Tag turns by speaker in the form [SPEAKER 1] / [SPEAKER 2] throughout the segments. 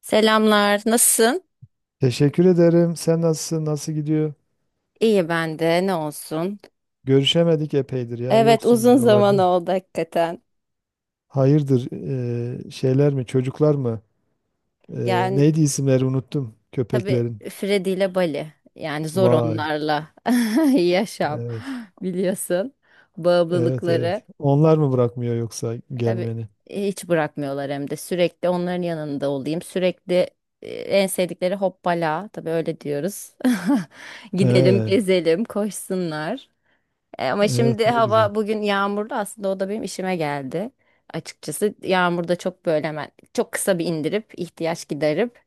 [SPEAKER 1] Selamlar, nasılsın?
[SPEAKER 2] Teşekkür ederim. Sen nasılsın? Nasıl gidiyor?
[SPEAKER 1] İyi ben de, ne olsun.
[SPEAKER 2] Görüşemedik epeydir ya.
[SPEAKER 1] Evet,
[SPEAKER 2] Yoksun
[SPEAKER 1] uzun zaman
[SPEAKER 2] buralarda.
[SPEAKER 1] oldu hakikaten.
[SPEAKER 2] Hayırdır? Şeyler mi? Çocuklar mı?
[SPEAKER 1] Yani
[SPEAKER 2] Neydi isimleri unuttum
[SPEAKER 1] tabii
[SPEAKER 2] köpeklerin.
[SPEAKER 1] Fredi ile Bali. Yani zor
[SPEAKER 2] Vay.
[SPEAKER 1] onlarla yaşam
[SPEAKER 2] Evet.
[SPEAKER 1] biliyorsun.
[SPEAKER 2] Evet
[SPEAKER 1] Bağımlılıkları.
[SPEAKER 2] evet. Onlar mı bırakmıyor yoksa
[SPEAKER 1] Tabii
[SPEAKER 2] gelmeni?
[SPEAKER 1] hiç bırakmıyorlar hem de sürekli onların yanında olayım. Sürekli en sevdikleri hoppala. Tabii öyle diyoruz. Gidelim,
[SPEAKER 2] He,
[SPEAKER 1] gezelim, koşsunlar. Ama şimdi
[SPEAKER 2] evet ne güzel.
[SPEAKER 1] hava bugün yağmurlu, aslında o da benim işime geldi. Açıkçası yağmurda çok böyle hemen çok kısa bir indirip ihtiyaç giderip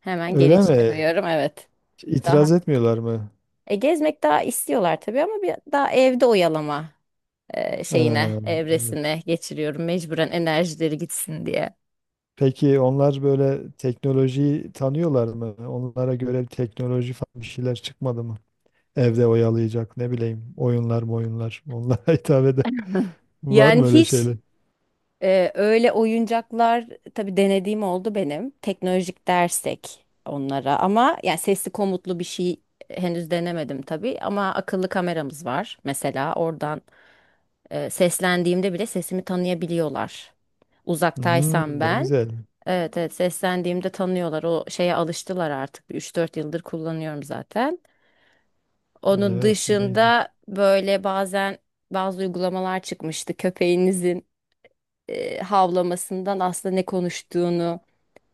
[SPEAKER 1] hemen geri
[SPEAKER 2] Öyle mi?
[SPEAKER 1] çıkarıyorum, evet.
[SPEAKER 2] İtiraz
[SPEAKER 1] Daha.
[SPEAKER 2] etmiyorlar mı?
[SPEAKER 1] Gezmek daha istiyorlar tabii, ama bir daha evde oyalama
[SPEAKER 2] He,
[SPEAKER 1] şeyine,
[SPEAKER 2] evet.
[SPEAKER 1] evresine geçiriyorum mecburen, enerjileri gitsin diye.
[SPEAKER 2] Peki onlar böyle teknolojiyi tanıyorlar mı? Onlara göre bir teknoloji falan bir şeyler çıkmadı mı? Evde oyalayacak ne bileyim oyunlar mı oyunlar onlara hitap eden var
[SPEAKER 1] Yani
[SPEAKER 2] mı öyle
[SPEAKER 1] hiç
[SPEAKER 2] şeyler?
[SPEAKER 1] Öyle oyuncaklar tabii denediğim oldu benim. Teknolojik dersek onlara, ama yani sesli komutlu bir şey henüz denemedim tabii, ama akıllı kameramız var mesela, oradan seslendiğimde bile sesimi tanıyabiliyorlar.
[SPEAKER 2] Hmm,
[SPEAKER 1] Uzaktaysam
[SPEAKER 2] ne
[SPEAKER 1] ben,
[SPEAKER 2] güzel.
[SPEAKER 1] evet evet, seslendiğimde tanıyorlar, o şeye alıştılar artık. Bir 3-4 yıldır kullanıyorum zaten. Onun
[SPEAKER 2] Evet neydi?
[SPEAKER 1] dışında böyle bazen bazı uygulamalar çıkmıştı, köpeğinizin havlamasından aslında ne konuştuğunu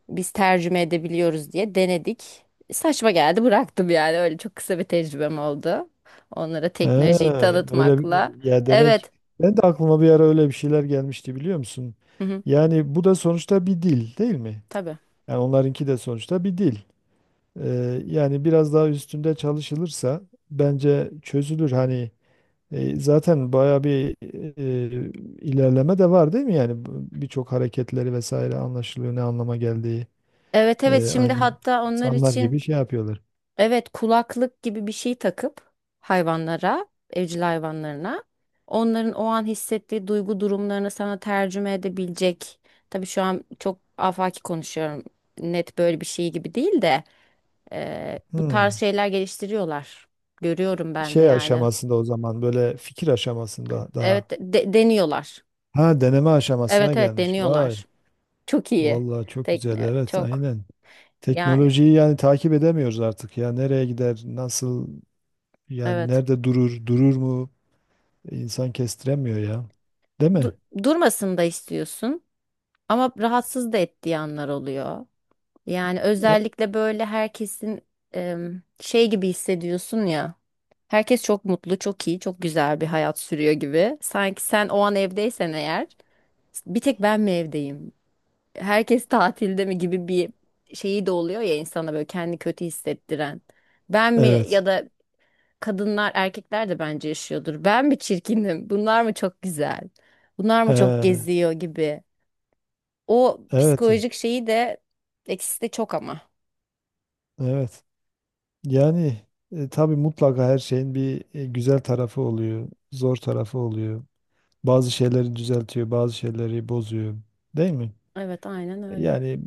[SPEAKER 1] biz tercüme edebiliyoruz diye denedik. Saçma geldi, bıraktım yani, öyle çok kısa bir tecrübem oldu. Onlara
[SPEAKER 2] He,
[SPEAKER 1] teknolojiyi tanıtmakla.
[SPEAKER 2] ya demek
[SPEAKER 1] Evet.
[SPEAKER 2] ben de aklıma bir ara öyle bir şeyler gelmişti biliyor musun?
[SPEAKER 1] Hı hı,
[SPEAKER 2] Yani bu da sonuçta bir dil değil mi?
[SPEAKER 1] tabii.
[SPEAKER 2] Yani onlarınki de sonuçta bir dil. Yani biraz daha üstünde çalışılırsa bence çözülür hani. Zaten bayağı bir ilerleme de var değil mi? Birçok hareketleri vesaire anlaşılıyor ne anlama geldiği.
[SPEAKER 1] Evet evet, şimdi
[SPEAKER 2] Aynen
[SPEAKER 1] hatta onlar
[SPEAKER 2] insanlar
[SPEAKER 1] için,
[SPEAKER 2] gibi şey yapıyorlar.
[SPEAKER 1] evet, kulaklık gibi bir şey takıp hayvanlara, evcil hayvanlarına, onların o an hissettiği duygu durumlarını sana tercüme edebilecek. Tabii şu an çok afaki konuşuyorum. Net böyle bir şey gibi değil de bu tarz
[SPEAKER 2] Hmm.
[SPEAKER 1] şeyler geliştiriyorlar. Görüyorum ben de
[SPEAKER 2] Şey
[SPEAKER 1] yani.
[SPEAKER 2] aşamasında o zaman, böyle fikir aşamasında
[SPEAKER 1] Evet,
[SPEAKER 2] daha.
[SPEAKER 1] deniyorlar.
[SPEAKER 2] Ha, deneme aşamasına
[SPEAKER 1] Evet evet,
[SPEAKER 2] gelmiş. Vay.
[SPEAKER 1] deniyorlar. Çok iyi.
[SPEAKER 2] Vallahi çok güzel.
[SPEAKER 1] Tekne
[SPEAKER 2] Evet
[SPEAKER 1] çok,
[SPEAKER 2] aynen.
[SPEAKER 1] yani
[SPEAKER 2] Teknolojiyi yani takip edemiyoruz artık ya. Nereye gider? Nasıl? Yani
[SPEAKER 1] evet.
[SPEAKER 2] nerede durur? Durur mu? İnsan kestiremiyor ya. Değil mi?
[SPEAKER 1] Du- Durmasını da istiyorsun, ama rahatsız da ettiği anlar oluyor. Yani
[SPEAKER 2] E-
[SPEAKER 1] özellikle böyle herkesin şey gibi hissediyorsun ya. Herkes çok mutlu, çok iyi, çok güzel bir hayat sürüyor gibi. Sanki sen o an evdeysen eğer, bir tek ben mi evdeyim? Herkes tatilde mi gibi bir şeyi de oluyor ya, insana böyle kendi kötü hissettiren. Ben mi,
[SPEAKER 2] Evet.
[SPEAKER 1] ya da kadınlar erkekler de bence yaşıyordur, ben mi çirkinim? Bunlar mı çok güzel? Bunlar mı çok
[SPEAKER 2] He.
[SPEAKER 1] geziyor gibi. O
[SPEAKER 2] Evet,
[SPEAKER 1] psikolojik şeyi de, eksisi de çok ama.
[SPEAKER 2] evet. Yani tabii mutlaka her şeyin bir güzel tarafı oluyor, zor tarafı oluyor. Bazı şeyleri düzeltiyor, bazı şeyleri bozuyor. Değil mi?
[SPEAKER 1] Evet, aynen
[SPEAKER 2] E,
[SPEAKER 1] öyle.
[SPEAKER 2] Yani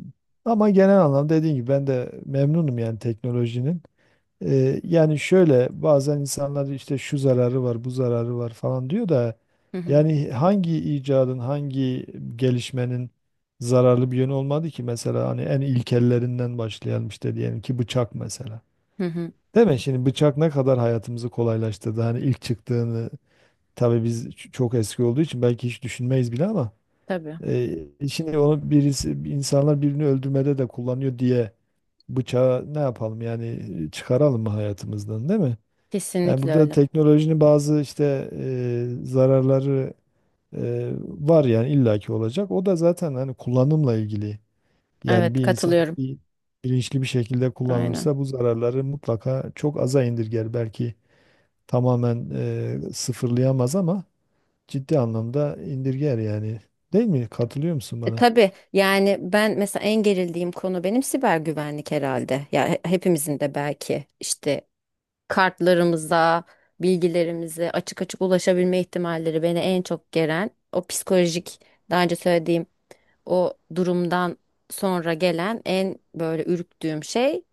[SPEAKER 2] ama genel anlamda dediğim gibi ben de memnunum yani teknolojinin. Yani şöyle bazen insanlar işte şu zararı var, bu zararı var falan diyor da
[SPEAKER 1] Hı hı.
[SPEAKER 2] yani hangi icadın, hangi gelişmenin zararlı bir yönü olmadı ki. Mesela hani en ilkellerinden başlayalım, işte diyelim ki bıçak mesela.
[SPEAKER 1] Hı hı.
[SPEAKER 2] Değil mi? Şimdi bıçak ne kadar hayatımızı kolaylaştırdı. Hani ilk çıktığını tabii çok eski olduğu için belki hiç düşünmeyiz bile ama
[SPEAKER 1] Tabii.
[SPEAKER 2] şimdi onu birisi, insanlar birini öldürmede de kullanıyor diye bıçağı ne yapalım yani, çıkaralım mı hayatımızdan, değil mi? Yani
[SPEAKER 1] Kesinlikle
[SPEAKER 2] burada
[SPEAKER 1] öyle.
[SPEAKER 2] teknolojinin bazı işte zararları var yani, illaki olacak. O da zaten hani kullanımla ilgili. Yani
[SPEAKER 1] Evet,
[SPEAKER 2] bir insan
[SPEAKER 1] katılıyorum.
[SPEAKER 2] bir bilinçli bir şekilde
[SPEAKER 1] Aynen.
[SPEAKER 2] kullanılırsa bu zararları mutlaka çok aza indirger, belki tamamen sıfırlayamaz ama ciddi anlamda indirger yani. Değil mi? Katılıyor musun
[SPEAKER 1] E,
[SPEAKER 2] bana?
[SPEAKER 1] tabii yani ben mesela en gerildiğim konu benim siber güvenlik herhalde. Ya hepimizin de belki işte kartlarımıza, bilgilerimize açık açık ulaşabilme ihtimalleri beni en çok geren, o psikolojik daha önce söylediğim o durumdan sonra gelen en böyle ürktüğüm şey,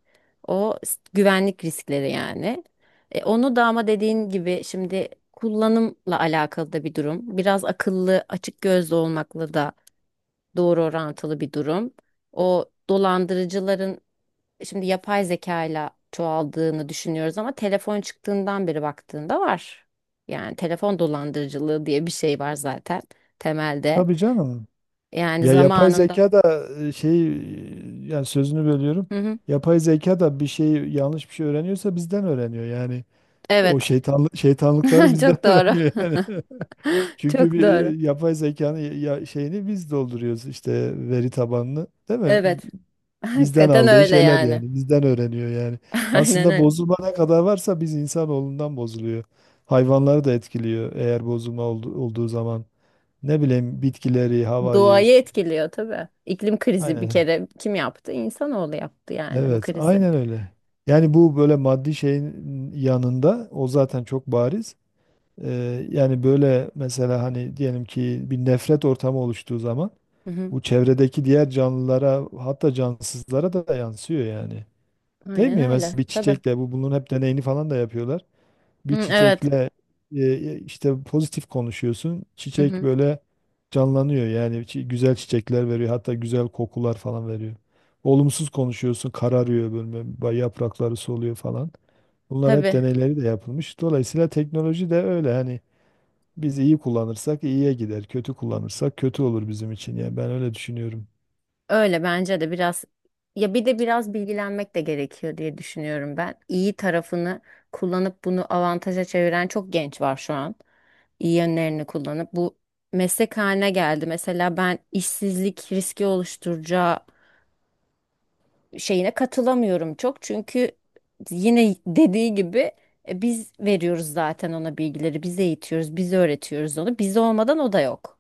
[SPEAKER 1] o güvenlik riskleri yani. Onu da, ama dediğin gibi şimdi kullanımla alakalı da bir durum. Biraz akıllı, açık gözlü olmakla da doğru orantılı bir durum. O dolandırıcıların, şimdi yapay zekayla çoğaldığını düşünüyoruz ama telefon çıktığından beri baktığında var. Yani telefon dolandırıcılığı diye bir şey var zaten temelde.
[SPEAKER 2] Tabii canım.
[SPEAKER 1] Yani
[SPEAKER 2] Ya yapay
[SPEAKER 1] zamanında.
[SPEAKER 2] zeka da yani sözünü bölüyorum.
[SPEAKER 1] Hı hı.
[SPEAKER 2] Yapay zeka da bir şey yanlış bir şey öğreniyorsa bizden öğreniyor. Yani o
[SPEAKER 1] Evet.
[SPEAKER 2] şeytanlıkları bizden
[SPEAKER 1] Çok doğru.
[SPEAKER 2] öğreniyor yani. Çünkü
[SPEAKER 1] Çok
[SPEAKER 2] bir
[SPEAKER 1] doğru.
[SPEAKER 2] yapay zekanın ya, şeyini biz dolduruyoruz işte, veri tabanını, değil mi?
[SPEAKER 1] Evet.
[SPEAKER 2] Bizden
[SPEAKER 1] Hakikaten
[SPEAKER 2] aldığı
[SPEAKER 1] öyle
[SPEAKER 2] şeyler
[SPEAKER 1] yani.
[SPEAKER 2] yani. Bizden öğreniyor yani.
[SPEAKER 1] Aynen
[SPEAKER 2] Aslında
[SPEAKER 1] öyle.
[SPEAKER 2] bozulma ne kadar varsa biz insanoğlundan bozuluyor. Hayvanları da etkiliyor eğer bozulma olduğu zaman. Ne bileyim bitkileri, havayı,
[SPEAKER 1] Doğayı etkiliyor tabii. İklim krizi bir
[SPEAKER 2] Aynen.
[SPEAKER 1] kere kim yaptı? İnsanoğlu yaptı yani, bu
[SPEAKER 2] Evet,
[SPEAKER 1] krizi.
[SPEAKER 2] aynen öyle. Yani bu böyle maddi şeyin yanında o zaten çok bariz. Yani böyle mesela hani diyelim ki bir nefret ortamı oluştuğu zaman
[SPEAKER 1] Hı hı.
[SPEAKER 2] bu, çevredeki diğer canlılara hatta cansızlara da yansıyor yani. Değil
[SPEAKER 1] Aynen
[SPEAKER 2] mi? Mesela
[SPEAKER 1] öyle.
[SPEAKER 2] bir
[SPEAKER 1] Tabii.
[SPEAKER 2] çiçekle, bunun hep deneyini falan da yapıyorlar. Bir
[SPEAKER 1] Hı, evet.
[SPEAKER 2] çiçekle işte pozitif konuşuyorsun,
[SPEAKER 1] Hı
[SPEAKER 2] çiçek
[SPEAKER 1] hı.
[SPEAKER 2] böyle canlanıyor yani, güzel çiçekler veriyor, hatta güzel kokular falan veriyor. Olumsuz konuşuyorsun kararıyor böyle, yaprakları soluyor falan. Bunlar hep
[SPEAKER 1] Tabii.
[SPEAKER 2] deneyleri de yapılmış. Dolayısıyla teknoloji de öyle hani, biz iyi kullanırsak iyiye gider, kötü kullanırsak kötü olur bizim için. Yani ben öyle düşünüyorum.
[SPEAKER 1] Öyle, bence de biraz, ya bir de biraz bilgilenmek de gerekiyor diye düşünüyorum ben. İyi tarafını kullanıp bunu avantaja çeviren çok genç var şu an. İyi yönlerini kullanıp bu meslek haline geldi. Mesela ben işsizlik riski oluşturacağı şeyine katılamıyorum çok. Çünkü yine dediği gibi, biz veriyoruz zaten ona bilgileri, biz eğitiyoruz, biz öğretiyoruz onu. Biz olmadan o da yok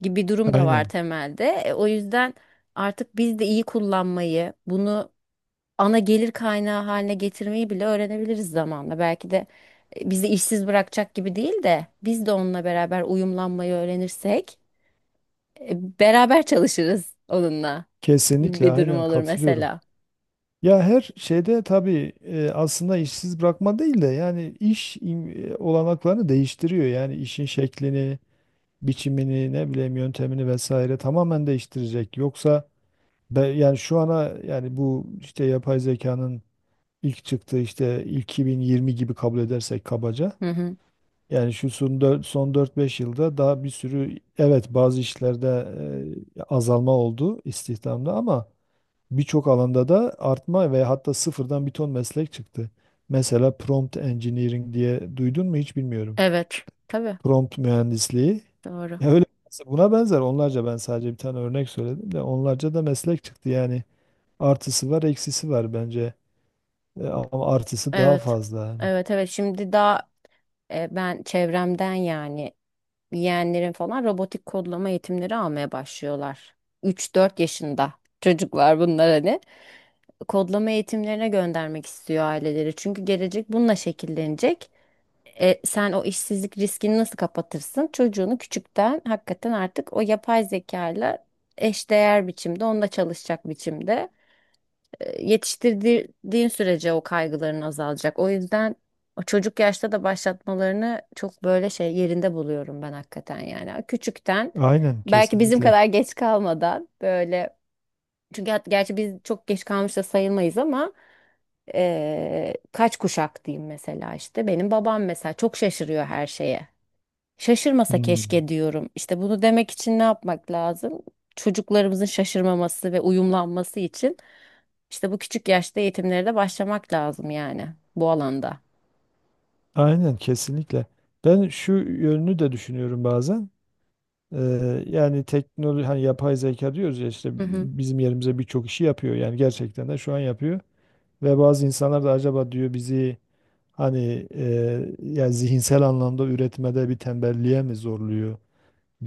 [SPEAKER 1] gibi durum da var
[SPEAKER 2] Aynen.
[SPEAKER 1] temelde. O yüzden artık biz de iyi kullanmayı, bunu ana gelir kaynağı haline getirmeyi bile öğrenebiliriz zamanla. Belki de bizi işsiz bırakacak gibi değil de, biz de onunla beraber uyumlanmayı öğrenirsek beraber çalışırız onunla gibi
[SPEAKER 2] Kesinlikle
[SPEAKER 1] bir durum
[SPEAKER 2] aynen
[SPEAKER 1] olur
[SPEAKER 2] katılıyorum.
[SPEAKER 1] mesela.
[SPEAKER 2] Ya her şeyde tabii aslında işsiz bırakma değil de yani iş olanaklarını değiştiriyor. Yani işin şeklini, biçimini, ne bileyim yöntemini vesaire tamamen değiştirecek. Yoksa yani şu ana, yani bu işte yapay zekanın ilk çıktığı, işte ilk 2020 gibi kabul edersek kabaca.
[SPEAKER 1] Hı hı.
[SPEAKER 2] Yani son 4-5 yılda daha bir sürü, evet bazı işlerde azalma oldu istihdamda, ama birçok alanda da artma ve hatta sıfırdan bir ton meslek çıktı. Mesela prompt engineering diye duydun mu, hiç bilmiyorum.
[SPEAKER 1] Evet. Tabii.
[SPEAKER 2] Prompt mühendisliği.
[SPEAKER 1] Doğru.
[SPEAKER 2] Ya öyle buna benzer onlarca, ben sadece bir tane örnek söyledim de onlarca da meslek çıktı yani. Artısı var, eksisi var bence. Ama artısı daha
[SPEAKER 1] Evet.
[SPEAKER 2] fazla yani.
[SPEAKER 1] Evet evet. Şimdi daha ben çevremden yani, yeğenlerin falan robotik kodlama eğitimleri almaya başlıyorlar. 3-4 yaşında çocuklar bunlar hani. Kodlama eğitimlerine göndermek istiyor aileleri. Çünkü gelecek bununla şekillenecek. Sen o işsizlik riskini nasıl kapatırsın? Çocuğunu küçükten hakikaten artık o yapay zekayla eşdeğer biçimde, onunla çalışacak biçimde yetiştirdiğin sürece o kaygıların azalacak. O yüzden o çocuk yaşta da başlatmalarını çok böyle şey, yerinde buluyorum ben hakikaten yani. Küçükten,
[SPEAKER 2] Aynen
[SPEAKER 1] belki bizim
[SPEAKER 2] kesinlikle.
[SPEAKER 1] kadar geç kalmadan, böyle, çünkü gerçi biz çok geç kalmış da sayılmayız ama, kaç kuşak diyeyim mesela, işte benim babam mesela çok şaşırıyor her şeye. Şaşırmasa
[SPEAKER 2] Hmm.
[SPEAKER 1] keşke diyorum. İşte bunu demek için ne yapmak lazım? Çocuklarımızın şaşırmaması ve uyumlanması için işte bu küçük yaşta eğitimlere de başlamak lazım yani, bu alanda.
[SPEAKER 2] Aynen kesinlikle. Ben şu yönünü de düşünüyorum bazen. Yani teknoloji hani yapay zeka diyoruz ya işte,
[SPEAKER 1] Hı hı.
[SPEAKER 2] bizim yerimize birçok işi yapıyor yani, gerçekten de şu an yapıyor ve bazı insanlar da acaba diyor bizi hani yani zihinsel anlamda üretmede bir tembelliğe mi zorluyor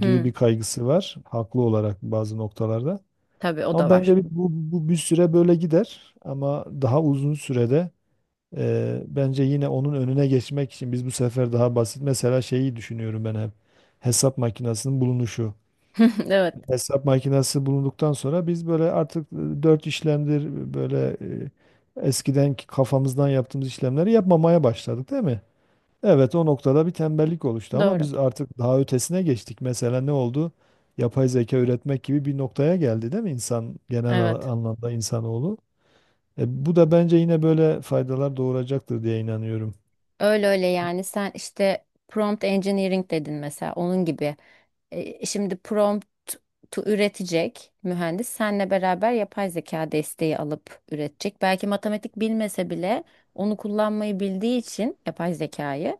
[SPEAKER 2] gibi, bir kaygısı var haklı olarak bazı noktalarda.
[SPEAKER 1] Tabii o
[SPEAKER 2] Ama
[SPEAKER 1] da var.
[SPEAKER 2] bence bu bir süre böyle gider ama daha uzun sürede bence yine onun önüne geçmek için biz bu sefer daha basit mesela, şeyi düşünüyorum ben hep, hesap makinesinin bulunuşu.
[SPEAKER 1] Evet,
[SPEAKER 2] Hesap makinesi bulunduktan sonra biz böyle artık dört işlemdir eskidenki kafamızdan yaptığımız işlemleri yapmamaya başladık değil mi? Evet o noktada bir tembellik oluştu ama
[SPEAKER 1] doğru.
[SPEAKER 2] biz artık daha ötesine geçtik. Mesela ne oldu? Yapay zeka üretmek gibi bir noktaya geldi değil mi insan,
[SPEAKER 1] Evet.
[SPEAKER 2] anlamda insanoğlu? Bu da bence yine böyle faydalar doğuracaktır diye inanıyorum.
[SPEAKER 1] Öyle öyle yani, sen işte prompt engineering dedin mesela, onun gibi. Şimdi prompt üretecek mühendis senle beraber yapay zeka desteği alıp üretecek. Belki matematik bilmese bile onu kullanmayı bildiği için yapay zekayı,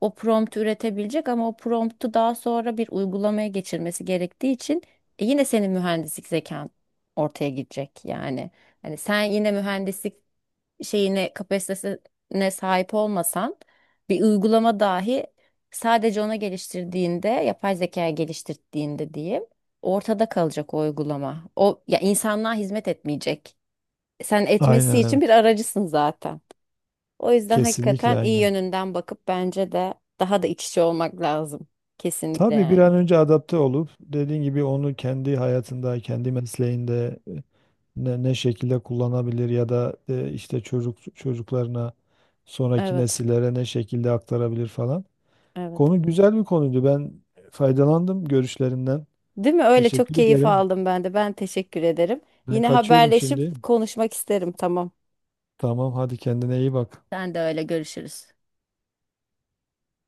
[SPEAKER 1] o prompt üretebilecek, ama o promptu daha sonra bir uygulamaya geçirmesi gerektiği için yine senin mühendislik zekan ortaya gidecek yani. Hani sen yine mühendislik şeyine, kapasitesine sahip olmasan, bir uygulama dahi sadece ona geliştirdiğinde, yapay zekaya geliştirdiğinde diyeyim, ortada kalacak o uygulama. O, ya, insanlığa hizmet etmeyecek. Sen etmesi
[SPEAKER 2] Aynen
[SPEAKER 1] için bir
[SPEAKER 2] evet.
[SPEAKER 1] aracısın zaten. O yüzden
[SPEAKER 2] Kesinlikle
[SPEAKER 1] hakikaten iyi
[SPEAKER 2] aynen.
[SPEAKER 1] yönünden bakıp bence de daha da iç içe olmak lazım. Kesinlikle
[SPEAKER 2] Tabii bir an
[SPEAKER 1] yani.
[SPEAKER 2] önce adapte olup dediğin gibi onu kendi hayatında, kendi mesleğinde ne şekilde kullanabilir ya da işte çocuklarına, sonraki
[SPEAKER 1] Evet,
[SPEAKER 2] nesillere ne şekilde aktarabilir falan.
[SPEAKER 1] evet.
[SPEAKER 2] Konu güzel bir konuydu. Ben faydalandım görüşlerinden.
[SPEAKER 1] Değil mi? Öyle, çok
[SPEAKER 2] Teşekkür
[SPEAKER 1] keyif
[SPEAKER 2] ederim.
[SPEAKER 1] aldım ben de. Ben teşekkür ederim.
[SPEAKER 2] Ben
[SPEAKER 1] Yine
[SPEAKER 2] kaçıyorum şimdi.
[SPEAKER 1] haberleşip konuşmak isterim. Tamam.
[SPEAKER 2] Tamam, hadi kendine iyi bak.
[SPEAKER 1] Sen de öyle, görüşürüz.